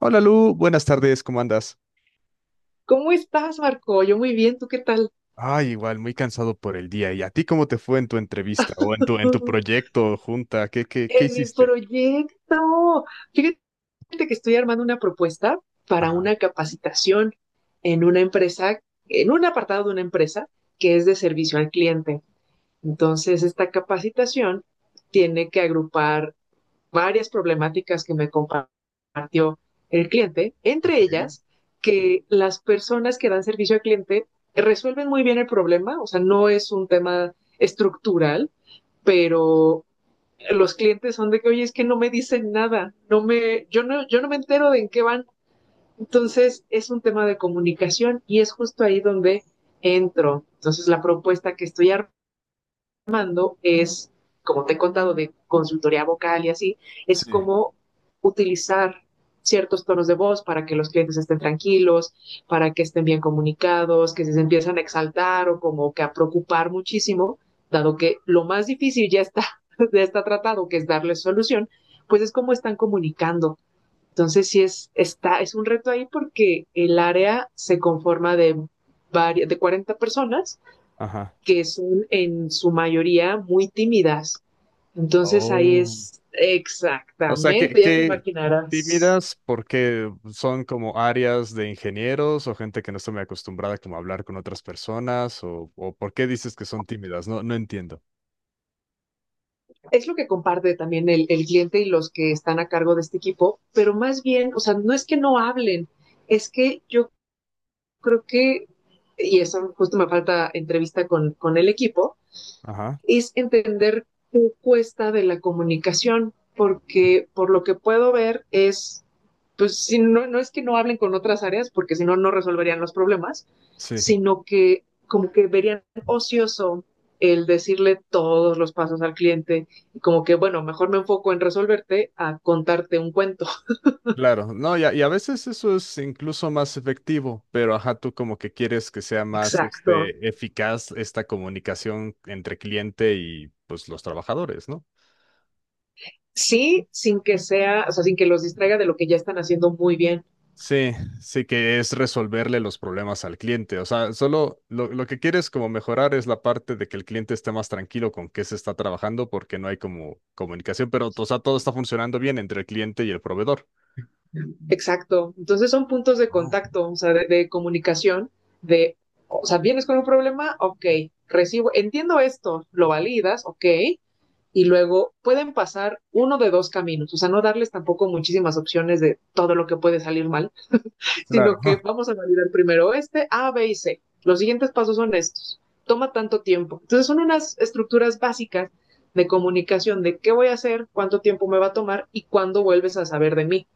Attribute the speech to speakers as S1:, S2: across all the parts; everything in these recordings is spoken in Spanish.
S1: Hola Lu, buenas tardes, ¿cómo andas?
S2: ¿Cómo estás, Marco? Yo muy bien, ¿tú qué tal?
S1: Ay, igual, muy cansado por el día. ¿Y a ti cómo te fue en tu entrevista o en tu proyecto junta? ¿Qué
S2: En mi
S1: hiciste?
S2: proyecto. Fíjate que estoy armando una propuesta para
S1: Ajá,
S2: una capacitación en una empresa, en un apartado de una empresa que es de servicio al cliente. Entonces, esta capacitación tiene que agrupar varias problemáticas que me compartió el cliente, entre
S1: ok.
S2: ellas que las personas que dan servicio al cliente resuelven muy bien el problema, o sea, no es un tema estructural, pero los clientes son de que, oye, es que no me dicen nada, no me, yo no, yo no me entero de en qué van. Entonces, es un tema de comunicación y es justo ahí donde entro. Entonces, la propuesta que estoy es, como te he contado, de consultoría vocal y así, es
S1: Sí.
S2: cómo utilizar ciertos tonos de voz para que los clientes estén tranquilos, para que estén bien comunicados, que si se empiezan a exaltar o como que a preocupar muchísimo, dado que lo más difícil ya está, ya está tratado, que es darles solución, pues es cómo están comunicando. Entonces sí es, es un reto ahí porque el área se conforma de 40 personas
S1: Ajá.
S2: que son en su mayoría muy tímidas. Entonces ahí
S1: Oh.
S2: es
S1: O sea, ¿qué,
S2: exactamente, ya te
S1: qué sí
S2: imaginarás.
S1: miras? Porque son como áreas de ingenieros o gente que no está muy acostumbrada como a hablar con otras personas, ¿o por qué dices que son tímidas? No, no entiendo.
S2: Es lo que comparte también el cliente y los que están a cargo de este equipo, pero más bien, o sea, no es que no hablen, es que yo creo que, y eso justo me falta entrevista con el equipo,
S1: Ajá.
S2: es entender qué cuesta de la comunicación, porque por lo que puedo ver es, pues si no, no es que no hablen con otras áreas, porque si no, no resolverían los problemas, sino que como que verían ocioso el decirle todos los pasos al cliente y como que, bueno, mejor me enfoco en resolverte a contarte un cuento.
S1: Claro, no, y a veces eso es incluso más efectivo, pero ajá, tú como que quieres que sea más
S2: Exacto.
S1: eficaz esta comunicación entre cliente y pues los trabajadores, ¿no?
S2: Sí, sin que sea, o sea, sin que los distraiga de lo que ya están haciendo muy bien.
S1: Sí, sí que es resolverle los problemas al cliente. O sea, solo lo que quieres como mejorar es la parte de que el cliente esté más tranquilo con qué se está trabajando porque no hay como comunicación, pero o sea, todo está funcionando bien entre el cliente y el proveedor.
S2: Exacto. Entonces son puntos de
S1: Oh.
S2: contacto, o sea, de comunicación, de, o sea, vienes con un problema, ok, recibo, entiendo esto, lo validas, ok, y luego pueden pasar uno de dos caminos, o sea, no darles tampoco muchísimas opciones de todo lo que puede salir mal,
S1: Claro.
S2: sino que vamos a validar primero este, A, B y C. Los siguientes pasos son estos. Toma tanto tiempo. Entonces son unas estructuras básicas de comunicación de qué voy a hacer, cuánto tiempo me va a tomar y cuándo vuelves a saber de mí.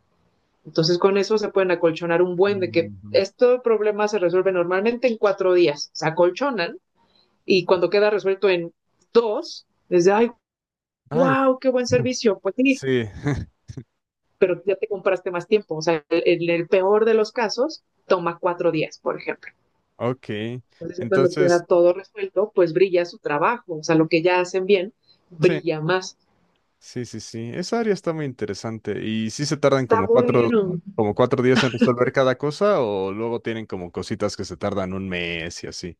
S2: Entonces con eso se pueden acolchonar un buen de que
S1: Ujú.
S2: este problema se resuelve normalmente en 4 días, se acolchonan y cuando queda resuelto en dos, es de, ay,
S1: Ay,
S2: wow, qué buen servicio, pues sí,
S1: sí.
S2: pero ya te compraste más tiempo, o sea, en el peor de los casos toma 4 días, por ejemplo.
S1: Ok,
S2: Entonces cuando
S1: entonces,
S2: queda todo resuelto, pues brilla su trabajo, o sea, lo que ya hacen bien
S1: sí,
S2: brilla más.
S1: sí, sí, sí. Esa área está muy interesante. ¿Y si se tardan
S2: Está bueno.
S1: como 4 días en resolver cada cosa o luego tienen como cositas que se tardan un mes y así?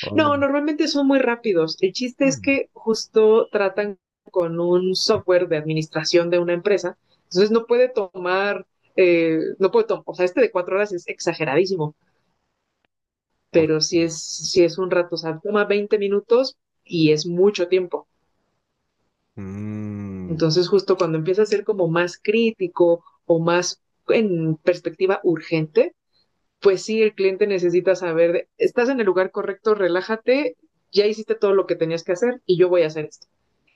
S1: ¿O no?
S2: No, normalmente son muy rápidos. El chiste es
S1: Mm.
S2: que justo tratan con un software de administración de una empresa, entonces no puede tomar, o sea, este de 4 horas es exageradísimo,
S1: Ok.
S2: pero si sí es un rato, o sea, toma 20 minutos y es mucho tiempo.
S1: Mm,
S2: Entonces justo cuando empieza a ser como más crítico o más en perspectiva urgente, pues sí, el cliente necesita saber, de, estás en el lugar correcto, relájate, ya hiciste todo lo que tenías que hacer y yo voy a hacer esto.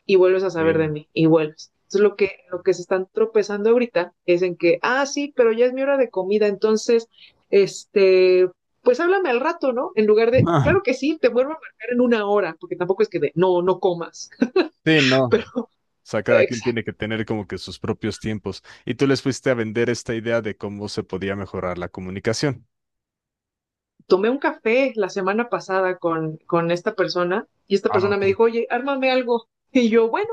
S2: Y vuelves a saber de
S1: ok.
S2: mí y vuelves. Entonces lo que se están tropezando ahorita es en que, ah, sí, pero ya es mi hora de comida, entonces, este, pues háblame al rato, ¿no? En lugar de,
S1: Ah,
S2: claro que sí, te vuelvo a marcar en 1 hora, porque tampoco es que de, no, no comas,
S1: sí, no. O
S2: pero
S1: sea, cada quien tiene
S2: exacto.
S1: que tener como que sus propios tiempos. Y tú les fuiste a vender esta idea de cómo se podía mejorar la comunicación.
S2: Tomé un café la semana pasada con esta persona y esta
S1: Ah,
S2: persona me
S1: ok.
S2: dijo, oye, ármame algo. Y yo, bueno,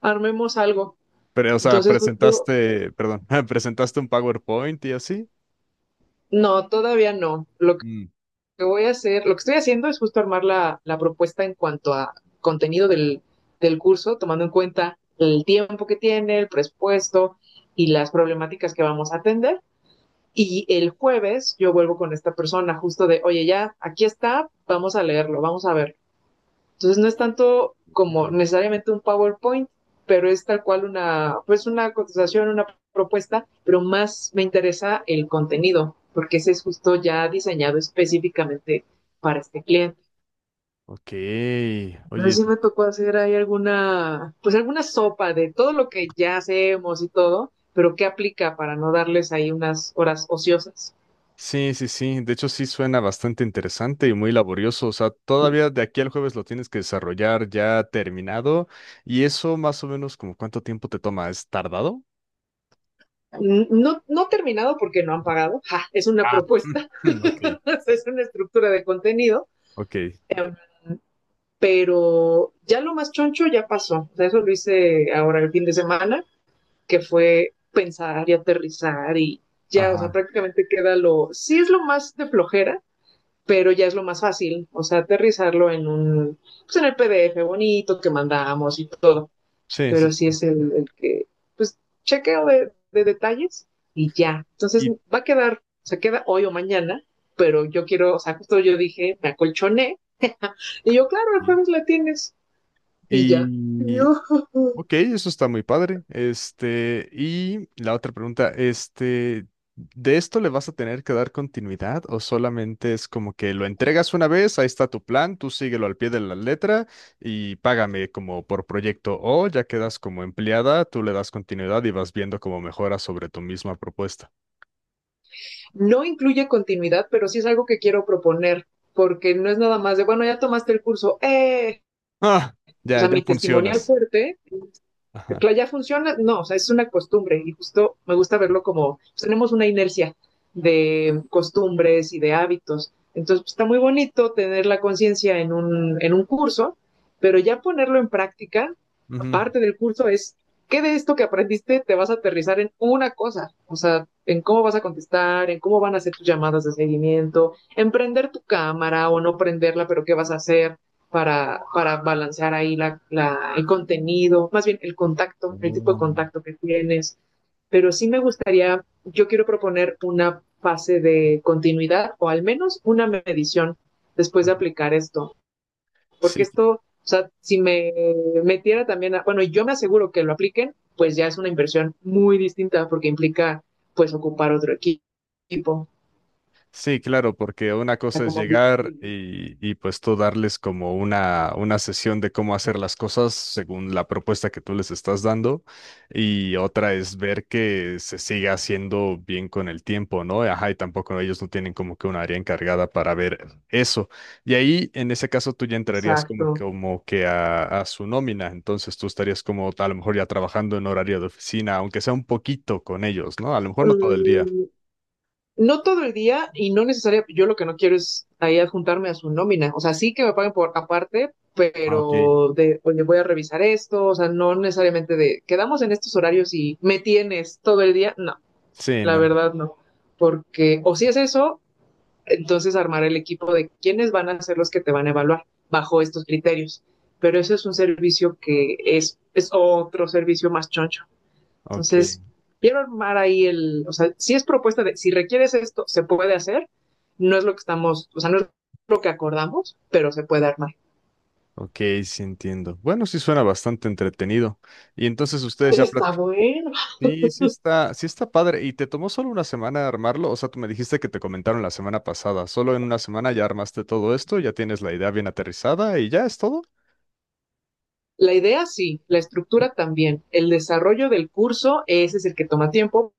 S2: armemos algo.
S1: Pero, o sea,
S2: Entonces, justo,
S1: presentaste, perdón, presentaste un PowerPoint y así.
S2: no, todavía no. Lo que voy a hacer, lo que estoy haciendo es justo armar la propuesta en cuanto a contenido del curso, tomando en cuenta el tiempo que tiene, el presupuesto y las problemáticas que vamos a atender. Y el jueves yo vuelvo con esta persona justo de, oye, ya, aquí está, vamos a leerlo, vamos a ver. Entonces no es tanto como
S1: Ujú.
S2: necesariamente un PowerPoint, pero es tal cual una, pues una cotización, una propuesta, pero más me interesa el contenido, porque ese es justo ya diseñado específicamente para este cliente.
S1: Ok, oye,
S2: Entonces sí me tocó hacer ahí alguna, pues alguna sopa de todo lo que ya hacemos y todo, pero qué aplica para no darles ahí unas horas ociosas.
S1: sí, sí, sí, de hecho sí suena bastante interesante y muy laborioso, o sea, todavía de aquí al jueves lo tienes que desarrollar ya terminado y eso más o menos como cuánto tiempo te toma, ¿es tardado?
S2: No, no terminado porque no han pagado. ¡Ja! Es una
S1: Ah,
S2: propuesta,
S1: ok,
S2: es una estructura de contenido,
S1: ok,
S2: pero ya lo más choncho ya pasó. O sea, eso lo hice ahora el fin de semana, que fue pensar y aterrizar y ya, o sea,
S1: ajá,
S2: prácticamente queda lo, sí es lo más de flojera, pero ya es lo más fácil, o sea, aterrizarlo en un, pues en el PDF bonito que mandamos y todo,
S1: sí,
S2: pero sí
S1: sí,
S2: es el que, pues, chequeo de detalles y ya. Entonces
S1: sí.
S2: va a quedar, o sea, queda hoy o mañana, pero yo quiero, o sea, justo yo dije, me acolchoné, y yo, claro, el
S1: Y,
S2: jueves la tienes, y ya.
S1: y,
S2: Dios.
S1: Ok, eso está muy padre. Y la otra pregunta, ¿de esto le vas a tener que dar continuidad o solamente es como que lo entregas una vez, ahí está tu plan, tú síguelo al pie de la letra y págame como por proyecto o ya quedas como empleada, tú le das continuidad y vas viendo cómo mejoras sobre tu misma propuesta?
S2: No incluye continuidad, pero sí es algo que quiero proponer, porque no es nada más de, bueno, ya tomaste el curso, ¡eh!
S1: Ah,
S2: O
S1: ya,
S2: sea,
S1: ya
S2: mi testimonial
S1: funcionas.
S2: fuerte
S1: Ajá.
S2: ya funciona, no, o sea, es una costumbre y justo me gusta verlo como pues, tenemos una inercia de costumbres y de hábitos. Entonces pues, está muy bonito tener la conciencia en un, curso, pero ya ponerlo en práctica,
S1: Ujú.
S2: aparte del curso, es qué de esto que aprendiste te vas a aterrizar en una cosa, o sea, en cómo vas a contestar, en cómo van a ser tus llamadas de seguimiento, en prender tu cámara o no prenderla, pero qué vas a hacer, para balancear ahí el contenido, más bien el contacto, el tipo
S1: Oh.
S2: de contacto que tienes. Pero sí me gustaría, yo quiero proponer una fase de continuidad o al menos una medición después de
S1: Ujú.
S2: aplicar esto, porque
S1: Sí,
S2: esto, o sea, si me metiera también, a, bueno, yo me aseguro que lo apliquen, pues ya es una inversión muy distinta porque implica pues ocupar otro equipo, o
S1: sí, claro, porque una
S2: sea,
S1: cosa es
S2: como...
S1: llegar y pues tú darles como una sesión de cómo hacer las cosas según la propuesta que tú les estás dando y otra es ver que se siga haciendo bien con el tiempo, ¿no? Ajá, y tampoco ellos no tienen como que un área encargada para ver eso. Y ahí, en ese caso, tú ya entrarías
S2: Exacto.
S1: como que a su nómina, entonces tú estarías como a lo mejor ya trabajando en horario de oficina, aunque sea un poquito con ellos, ¿no? A lo mejor no todo el día.
S2: Um, No todo el día y no necesariamente, yo lo que no quiero es ahí adjuntarme a su nómina, o sea, sí que me paguen por aparte,
S1: Ah, ok.
S2: pero de, oye, voy a revisar esto, o sea, no necesariamente de, quedamos en estos horarios y me tienes todo el día, no,
S1: Sí,
S2: la
S1: no.
S2: verdad no, porque o si es eso, entonces armar el equipo de quiénes van a ser los que te van a evaluar bajo estos criterios, pero eso es un servicio que es otro servicio más choncho.
S1: Ok,
S2: Entonces, quiero armar ahí el, o sea, si es propuesta de, si requieres esto, se puede hacer, no es lo que estamos, o sea, no es lo que acordamos, pero se puede armar.
S1: ok, sí entiendo. Bueno, sí suena bastante entretenido. Y entonces ustedes ya
S2: Está
S1: platicaron.
S2: bueno.
S1: Sí, sí está padre. ¿Y te tomó solo una semana armarlo? O sea, tú me dijiste que te comentaron la semana pasada. Solo en una semana ya armaste todo esto, ya tienes la idea bien aterrizada y ya es todo.
S2: La idea sí, la estructura también, el desarrollo del curso, ese es el que toma tiempo,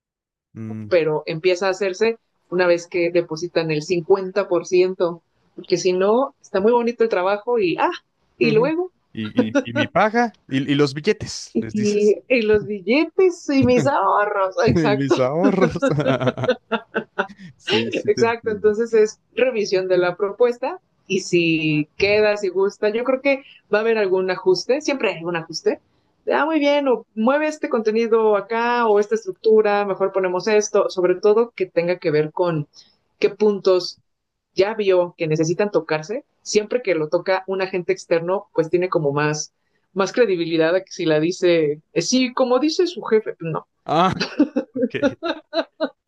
S1: Mm,
S2: pero empieza a hacerse una vez que depositan el 50%, porque si no, está muy bonito el trabajo y, ah, y
S1: ujú.
S2: luego,
S1: Y mi paga y los billetes, les
S2: y,
S1: dices.
S2: y los billetes y mis ahorros,
S1: Y
S2: exacto.
S1: mis ahorros. Sí, sí te
S2: Exacto,
S1: entiendo.
S2: entonces es revisión de la propuesta y si queda, si gusta, yo creo que va a haber algún ajuste, siempre hay algún ajuste. Ah, muy bien, o mueve este contenido acá o esta estructura, mejor ponemos esto, sobre todo que tenga que ver con qué puntos ya vio que necesitan tocarse. Siempre que lo toca un agente externo, pues tiene como más, más credibilidad a que si la dice, sí, como dice su jefe, no.
S1: Ah, ok.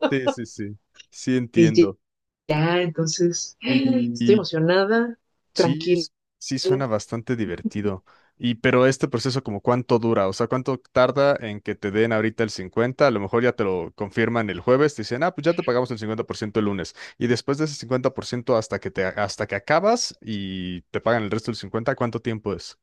S1: Sí, sí, sí. Sí
S2: Y
S1: entiendo.
S2: ya, entonces, ¡ay! Estoy
S1: Y,
S2: emocionada,
S1: Sí,
S2: tranquila.
S1: s- sí suena bastante divertido. Y pero este proceso como cuánto dura, o sea, ¿cuánto tarda en que te den ahorita el 50? A lo mejor ya te lo confirman el jueves, te dicen, ah, pues ya te pagamos el 50% el lunes. Y después de ese 50% hasta que acabas y te pagan el resto del 50, ¿cuánto tiempo es?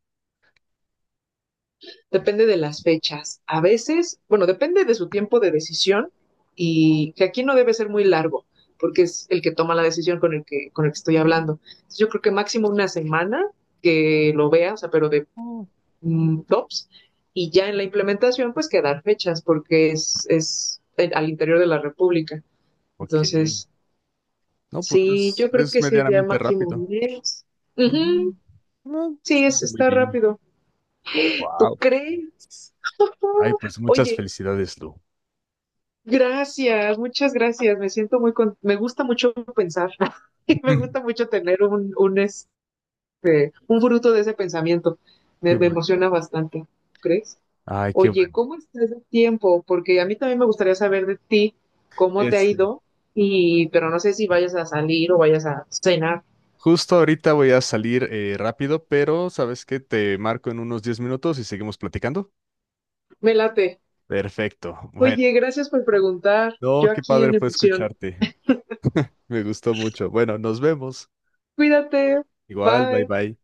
S2: Depende de las fechas. A veces, bueno, depende de su tiempo de decisión y que aquí no debe ser muy largo, porque es el que toma la decisión con el que, estoy hablando. Entonces, yo creo que máximo una semana que lo vea, o sea, pero de
S1: Oh,
S2: tops, y ya en la implementación, pues quedar fechas, porque es al interior de la República.
S1: ok.
S2: Entonces,
S1: No, pues
S2: sí,
S1: es,
S2: yo creo
S1: es
S2: que sería
S1: medianamente
S2: máximo
S1: rápido.
S2: un mes.
S1: Ujú.
S2: Ujú,
S1: No,
S2: sí,
S1: suena muy
S2: está
S1: bien.
S2: rápido. ¿Tú
S1: Wow.
S2: crees?
S1: Ay, pues muchas
S2: Oye,
S1: felicidades, Lu.
S2: gracias, muchas gracias. Me siento muy con... me gusta mucho pensar y me gusta mucho tener un, un fruto de ese pensamiento.
S1: Qué
S2: Me
S1: bueno.
S2: emociona bastante, ¿crees?
S1: Ay, qué
S2: Oye,
S1: bueno.
S2: ¿cómo estás de tiempo? Porque a mí también me gustaría saber de ti cómo te ha
S1: Este.
S2: ido y pero no sé si vayas a salir o vayas a cenar.
S1: Justo ahorita voy a salir rápido, pero sabes que te marco en unos 10 minutos y seguimos platicando.
S2: Me late.
S1: Perfecto. Bueno,
S2: Oye, gracias por preguntar.
S1: no,
S2: Yo
S1: qué
S2: aquí
S1: padre
S2: en
S1: fue
S2: emoción.
S1: escucharte. Me gustó mucho. Bueno, nos vemos.
S2: Cuídate.
S1: Igual, bye
S2: Bye.
S1: bye.